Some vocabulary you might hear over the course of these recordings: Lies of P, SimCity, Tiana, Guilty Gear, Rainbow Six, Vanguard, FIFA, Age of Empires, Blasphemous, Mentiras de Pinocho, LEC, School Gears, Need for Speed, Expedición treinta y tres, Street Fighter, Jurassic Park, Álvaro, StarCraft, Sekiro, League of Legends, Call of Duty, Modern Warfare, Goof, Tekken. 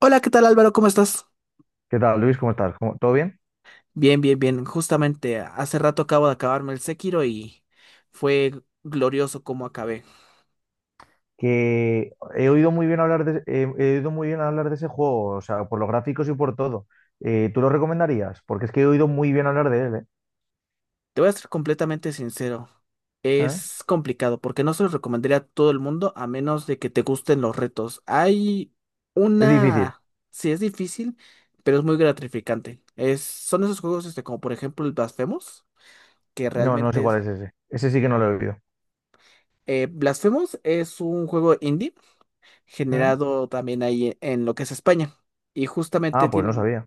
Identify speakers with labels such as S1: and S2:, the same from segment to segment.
S1: Hola, ¿qué tal Álvaro? ¿Cómo estás?
S2: ¿Qué tal, Luis? ¿Cómo estás? ¿Cómo- ¿Todo bien?
S1: Bien, bien, bien. Justamente hace rato acabo de acabarme el Sekiro y fue glorioso como acabé.
S2: Que he oído muy bien hablar de, he oído muy bien hablar de ese juego, o sea, por los gráficos y por todo. ¿Tú lo recomendarías? Porque es que he oído muy bien hablar de él, ¿eh?
S1: Te voy a ser completamente sincero.
S2: ¿Eh?
S1: Es complicado porque no se lo recomendaría a todo el mundo a menos de que te gusten los retos. Hay
S2: Es difícil.
S1: una. Sí, es difícil, pero es muy gratificante. Son esos juegos este, como por ejemplo el Blasphemous, que
S2: No, no sé
S1: realmente
S2: cuál es
S1: es.
S2: ese. Ese sí que no lo he oído.
S1: Blasphemous es un juego indie
S2: ¿Mm?
S1: generado también ahí en lo que es España. Y justamente
S2: Ah, pues no
S1: tiene,
S2: sabía.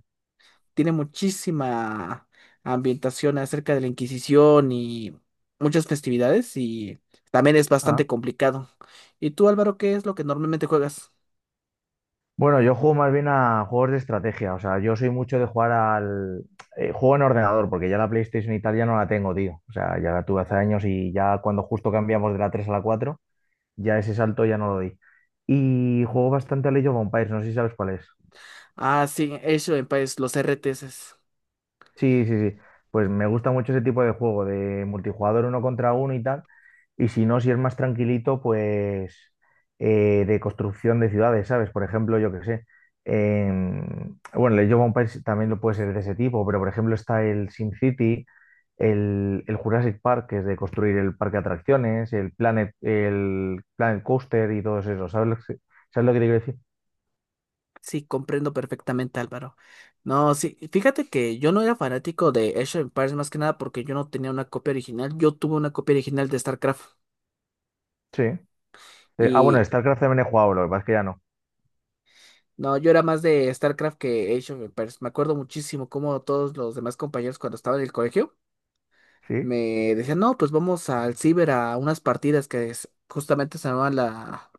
S1: tiene muchísima ambientación acerca de la Inquisición y muchas festividades y también es bastante
S2: Ah.
S1: complicado. ¿Y tú, Álvaro, qué es lo que normalmente juegas?
S2: Bueno, yo juego más bien a juegos de estrategia, o sea, yo soy mucho de jugar al… juego en ordenador, porque ya la PlayStation y tal ya no la tengo, tío. O sea, ya la tuve hace años y ya cuando justo cambiamos de la 3 a la cuatro, ya ese salto ya no lo di. Y juego bastante al Age of Empires, no sé si sabes cuál es.
S1: Ah, sí, eso en país, los RTS.
S2: Sí, sí, sí. Pues me gusta mucho ese tipo de juego, de multijugador uno contra uno y tal. Y si no, si es más tranquilito, pues de construcción de ciudades, ¿sabes? Por ejemplo, yo qué sé. Bueno, el Age of Empires también lo puede ser de ese tipo, pero por ejemplo está el SimCity, el Jurassic Park, que es de construir el parque de atracciones, el el Planet Coaster y todos esos. ¿Sabes lo sabes lo que te quiero decir?
S1: Sí, comprendo perfectamente, Álvaro. No, sí, fíjate que yo no era fanático de Age of Empires más que nada porque yo no tenía una copia original. Yo tuve una copia original de StarCraft.
S2: Sí. Bueno, StarCraft también he jugado, lo que pasa es que ya no.
S1: No, yo era más de StarCraft que Age of Empires. Me acuerdo muchísimo cómo todos los demás compañeros cuando estaba en el colegio
S2: ¿Sí?
S1: me decían, no, pues vamos al ciber a unas partidas justamente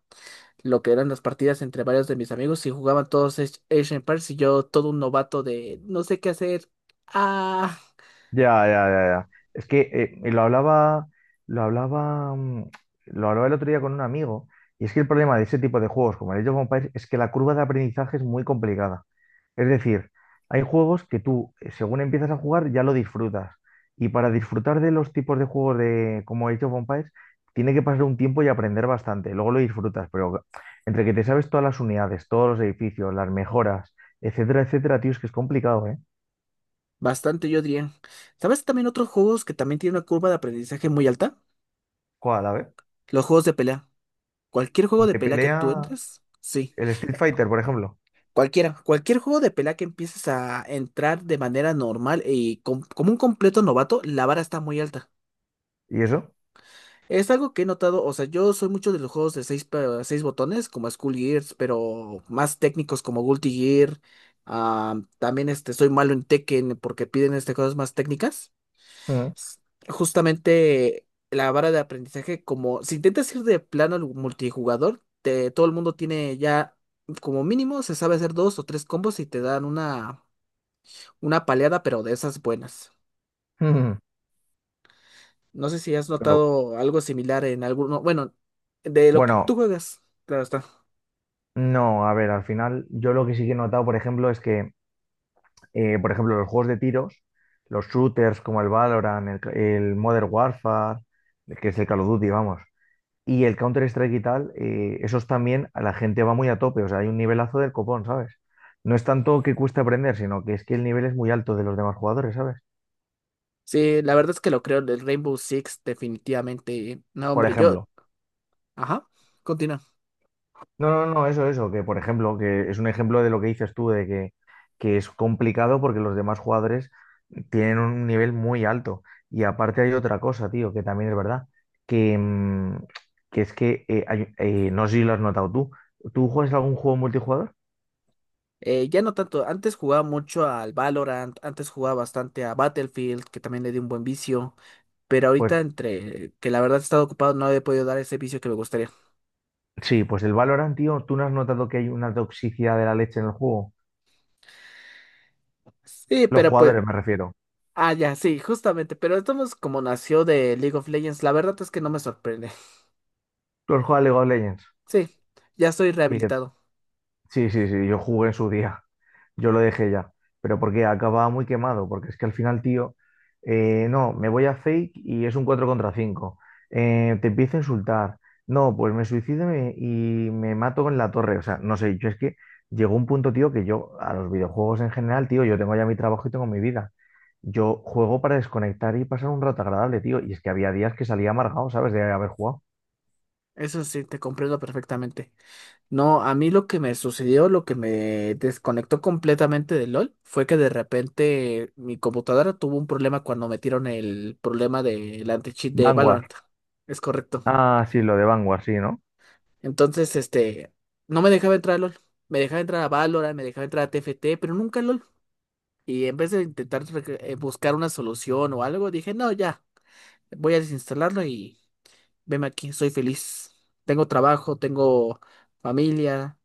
S1: lo que eran las partidas entre varios de mis amigos y jugaban todos Age of Empires y yo todo un novato de no sé qué hacer. Ah,
S2: Ya, ya, ya, ya. Es que y lo hablaba, lo hablaba, mm, lo hablaba el otro día con un amigo, y es que el problema de ese tipo de juegos, como el Age of Empires, es que la curva de aprendizaje es muy complicada. Es decir, hay juegos que tú, según empiezas a jugar, ya lo disfrutas. Y para disfrutar de los tipos de juegos de como Age of Empires, tiene que pasar un tiempo y aprender bastante. Luego lo disfrutas, pero entre que te sabes todas las unidades, todos los edificios, las mejoras, etcétera, etcétera, tío, es que es complicado, ¿eh?
S1: bastante yo diría. ¿Sabes también otros juegos que también tienen una curva de aprendizaje muy alta?
S2: Cuál, a ver,
S1: Los juegos de pelea. Cualquier juego
S2: vez.
S1: de
S2: De
S1: pelea que tú
S2: pelea.
S1: entres, sí.
S2: El Street Fighter, por ejemplo.
S1: Cualquiera, cualquier juego de pelea que empieces a entrar de manera normal y como un completo novato, la vara está muy alta.
S2: ¿Y eso?
S1: Es algo que he notado, o sea, yo soy mucho de los juegos de seis, seis botones, como School Gears, pero más técnicos como Guilty Gear. También este, soy malo en Tekken porque piden este, cosas más técnicas.
S2: Mm,
S1: S- Justamente la vara de aprendizaje, como si intentas ir de plano al multijugador, todo el mundo tiene ya como mínimo, se sabe hacer dos o tres combos y te dan una paleada, pero de esas buenas.
S2: mm.
S1: No sé si has
S2: Claro.
S1: notado algo similar en alguno, bueno, de lo que
S2: Bueno,
S1: tú juegas, claro está.
S2: no, a ver, al final yo lo que sí que he notado, por ejemplo, es que, por ejemplo, los juegos de tiros, los shooters como el Valorant, el Modern Warfare, que es el Call of Duty, vamos, y el Counter-Strike y tal, esos también a la gente va muy a tope, o sea, hay un nivelazo del copón, ¿sabes? No es tanto que cueste aprender, sino que es que el nivel es muy alto de los demás jugadores, ¿sabes?
S1: Sí, la verdad es que lo creo, el Rainbow Six definitivamente. No,
S2: Por
S1: hombre, yo,
S2: ejemplo.
S1: ajá, continúa.
S2: No, no, no, eso, que por ejemplo, que es un ejemplo de lo que dices tú, que es complicado porque los demás jugadores tienen un nivel muy alto. Y aparte hay otra cosa, tío, que también es verdad, que, mm, que es que, no sé si lo has notado tú, ¿tú juegas algún juego multijugador?
S1: Ya no tanto, antes jugaba mucho al Valorant, antes jugaba bastante a Battlefield, que también le di un buen vicio, pero
S2: Pues
S1: ahorita entre que la verdad he estado ocupado no he podido dar ese vicio que me gustaría.
S2: sí, pues el Valorant, tío, ¿tú no has notado que hay una toxicidad de la leche en el juego?
S1: Sí,
S2: Los
S1: pero pues,
S2: jugadores, me refiero.
S1: ya, sí, justamente, pero estamos como nació de League of Legends, la verdad es que no me sorprende.
S2: Los juega League of Legends.
S1: Sí, ya estoy rehabilitado.
S2: Sí, sí, sí, yo jugué en su día, yo lo dejé ya, pero porque acababa muy quemado, porque es que al final, tío, no, me voy a Fake y es un 4 contra 5. Te empiezo a insultar, no, pues me suicido y y me mato con la torre, o sea, no sé, yo es que llegó un punto, tío, que yo a los videojuegos en general, tío, yo tengo ya mi trabajo y tengo mi vida, yo juego para desconectar y pasar un rato agradable, tío, y es que había días que salía amargado, ¿sabes? De haber jugado.
S1: Eso sí, te comprendo perfectamente. No, a mí lo que me sucedió, lo que me desconectó completamente de LOL, fue que de repente mi computadora tuvo un problema cuando metieron el problema del anti-cheat de
S2: Vanguard,
S1: Valorant. Es correcto.
S2: ah, sí, lo de Vanguard, sí, ¿no?
S1: Entonces, este, no me dejaba entrar a LOL. Me dejaba entrar a Valorant, me dejaba entrar a TFT, pero nunca a LOL. Y en vez de intentar buscar una solución o algo, dije, no, ya, voy a desinstalarlo y veme aquí, soy feliz. Tengo trabajo, tengo familia,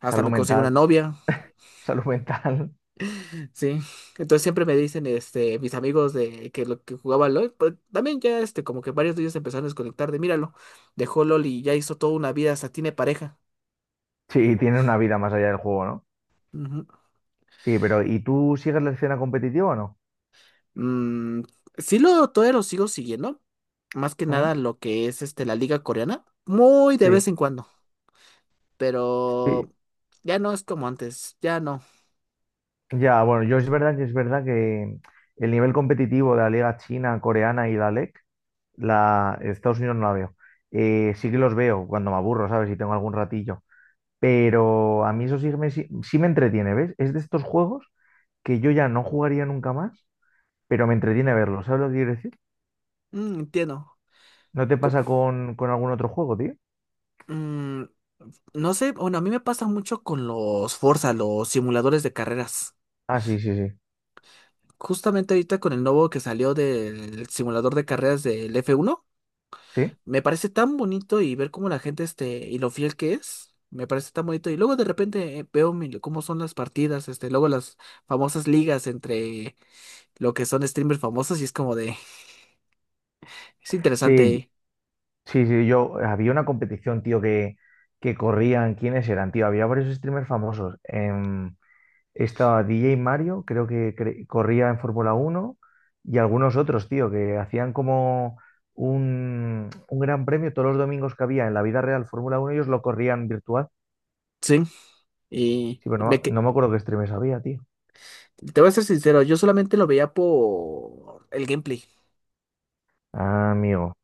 S1: hasta
S2: Salud
S1: me conseguí una
S2: mental.
S1: novia,
S2: Salud mental.
S1: ¿sí? Entonces siempre me dicen, este, mis amigos de que lo que jugaba LOL, pues también ya, este, como que varios de ellos empezaron a desconectar de, míralo, dejó LOL y ya hizo toda una vida, hasta tiene pareja.
S2: Sí, tiene una vida más allá del juego, ¿no?
S1: Ujú.
S2: Sí, pero ¿y tú sigues la escena competitiva o no?
S1: Mm, sí, todavía lo sigo siguiendo, más que
S2: Ujú.
S1: nada lo que es, este, la liga coreana, muy de
S2: Sí,
S1: vez en cuando,
S2: sí.
S1: pero ya no es como antes, ya no.
S2: Ya, bueno, yo es verdad que el nivel competitivo de la liga china, coreana y la LEC, la Estados Unidos no la veo. Sí que los veo cuando me aburro, ¿sabes? Si tengo algún ratillo. Pero a mí eso sí, sí me entretiene, ¿ves? Es de estos juegos que yo ya no jugaría nunca más, pero me entretiene verlo. ¿Sabes lo que quiero decir?
S1: Mm, entiendo.
S2: ¿No te
S1: Co-
S2: pasa con algún otro juego, tío?
S1: Mm, No sé, bueno, a mí me pasa mucho con los Forza, los simuladores de carreras.
S2: Ah, sí, sí, sí.
S1: Justamente ahorita con el nuevo que salió del simulador de carreras del F1
S2: ¿Sí?
S1: me parece tan bonito y ver cómo la gente este y lo fiel que es, me parece tan bonito. Y luego de repente veo cómo son las partidas, este, luego las famosas ligas entre lo que son streamers famosos y es
S2: Sí,
S1: interesante,
S2: sí, sí, yo había una competición, tío, que corrían, ¿quiénes eran, tío? Había varios streamers famosos. Estaba DJ Mario, creo que corría en Fórmula Uno y algunos otros, tío, que hacían como un gran premio todos los domingos que había en la vida real Fórmula 1, ellos lo corrían virtual.
S1: sí. Y
S2: Sí, pero
S1: me,
S2: no, no
S1: que-
S2: me acuerdo qué streamers había, tío.
S1: te voy a ser sincero, yo solamente lo veía por el gameplay.
S2: Ah, amigo.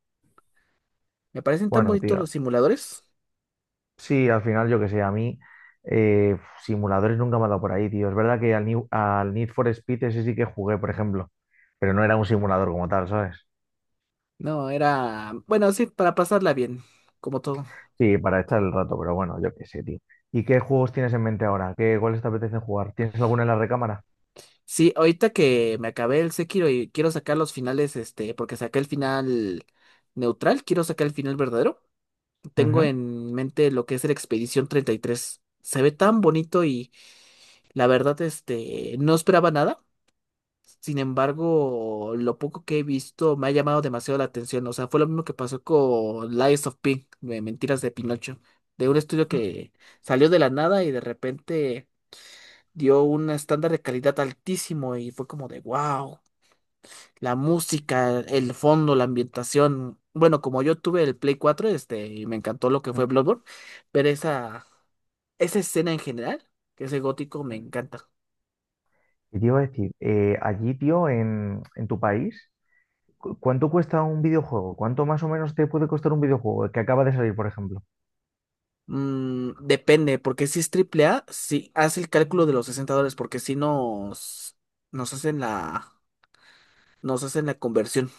S1: Me parecen tan
S2: Bueno,
S1: bonitos
S2: tío.
S1: los simuladores.
S2: Sí, al final, yo que sé, a mí eh, simuladores nunca me ha dado por ahí, tío. Es verdad que al Need for Speed ese sí que jugué, por ejemplo, pero no era un simulador como tal, ¿sabes?
S1: No, era, bueno, sí, para pasarla bien, como todo.
S2: Sí, para echar el rato, pero bueno, yo qué sé, tío. ¿Y qué juegos tienes en mente ahora? ¿Qué, cuáles te apetecen jugar? ¿Tienes alguna en la recámara?
S1: Sí, ahorita que me acabé el Sekiro y quiero sacar los finales, este, porque saqué el final neutral, quiero sacar el final verdadero. Tengo
S2: Ujú.
S1: en mente lo que es el Expedición 33. Se ve tan bonito y la verdad, este, no esperaba nada. Sin embargo, lo poco que he visto me ha llamado demasiado la atención. O sea, fue lo mismo que pasó con Lies of P, de Mentiras de Pinocho, de un estudio que salió de la nada y de repente dio un estándar de calidad altísimo y fue como de wow. La música, el fondo, la ambientación. Bueno, como yo tuve el Play 4 este, y me encantó lo que fue
S2: Mm,
S1: Bloodborne, pero esa escena en general, que ese gótico, me
S2: mm.
S1: encanta.
S2: Y te iba a decir, allí, tío, en tu país, ¿cuánto cuesta un videojuego? ¿Cuánto más o menos te puede costar un videojuego que acaba de salir, por ejemplo?
S1: Depende, porque si es triple A, si hace el cálculo de los $60, porque si nos hacen la, nos hacen la conversión.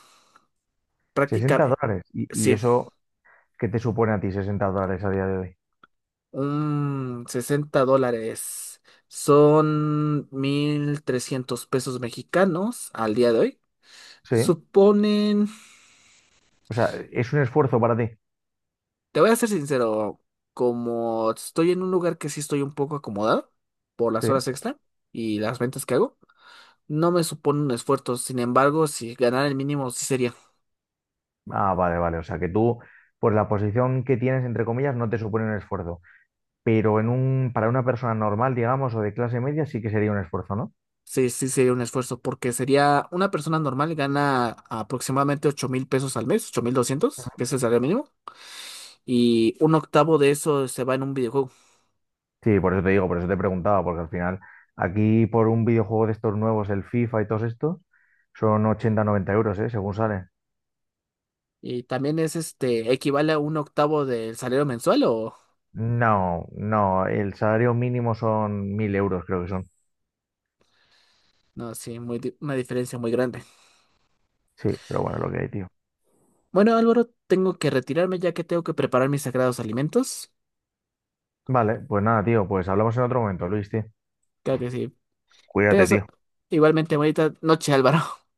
S1: Práctica,
S2: 60 dólares. Y
S1: sí.
S2: eso qué te supone a ti, 60 dólares a día de hoy?
S1: Un $60 son 1,300 pesos mexicanos al día de hoy.
S2: Sí,
S1: Suponen,
S2: o sea, es un esfuerzo para ti.
S1: te voy a ser sincero, como estoy en un lugar que sí estoy un poco acomodado por las
S2: Sí.
S1: horas extra y las ventas que hago, no me supone un esfuerzo. Sin embargo, si ganar el mínimo sí sería,
S2: Ah, vale, vale. O sea, pues la posición que tienes, entre comillas, no te supone un esfuerzo. Pero en un, para una persona normal, digamos, o de clase media, sí que sería un esfuerzo, ¿no?
S1: sí, sí sería un esfuerzo porque sería una persona normal gana aproximadamente 8,000 pesos al mes, 8,200 que es el salario mínimo y un octavo de eso se va en un videojuego.
S2: Sí, por eso te digo, por eso te preguntaba, porque al final, aquí por un videojuego de estos nuevos, el FIFA y todos estos, son ochenta, noventa euros, ¿eh? Según sale.
S1: Y también es este, equivale a un octavo del salario mensual o
S2: No, no, el salario mínimo son 1000 euros, creo que son.
S1: no, sí, muy, una diferencia muy grande.
S2: Sí, pero bueno, lo que hay, tío.
S1: Bueno, Álvaro, tengo que retirarme ya que tengo que preparar mis sagrados alimentos.
S2: Vale, pues nada, tío, pues hablamos en otro momento, Luis, tío.
S1: Claro que sí.
S2: Cuídate,
S1: Tengas
S2: tío.
S1: igualmente bonita noche, Álvaro.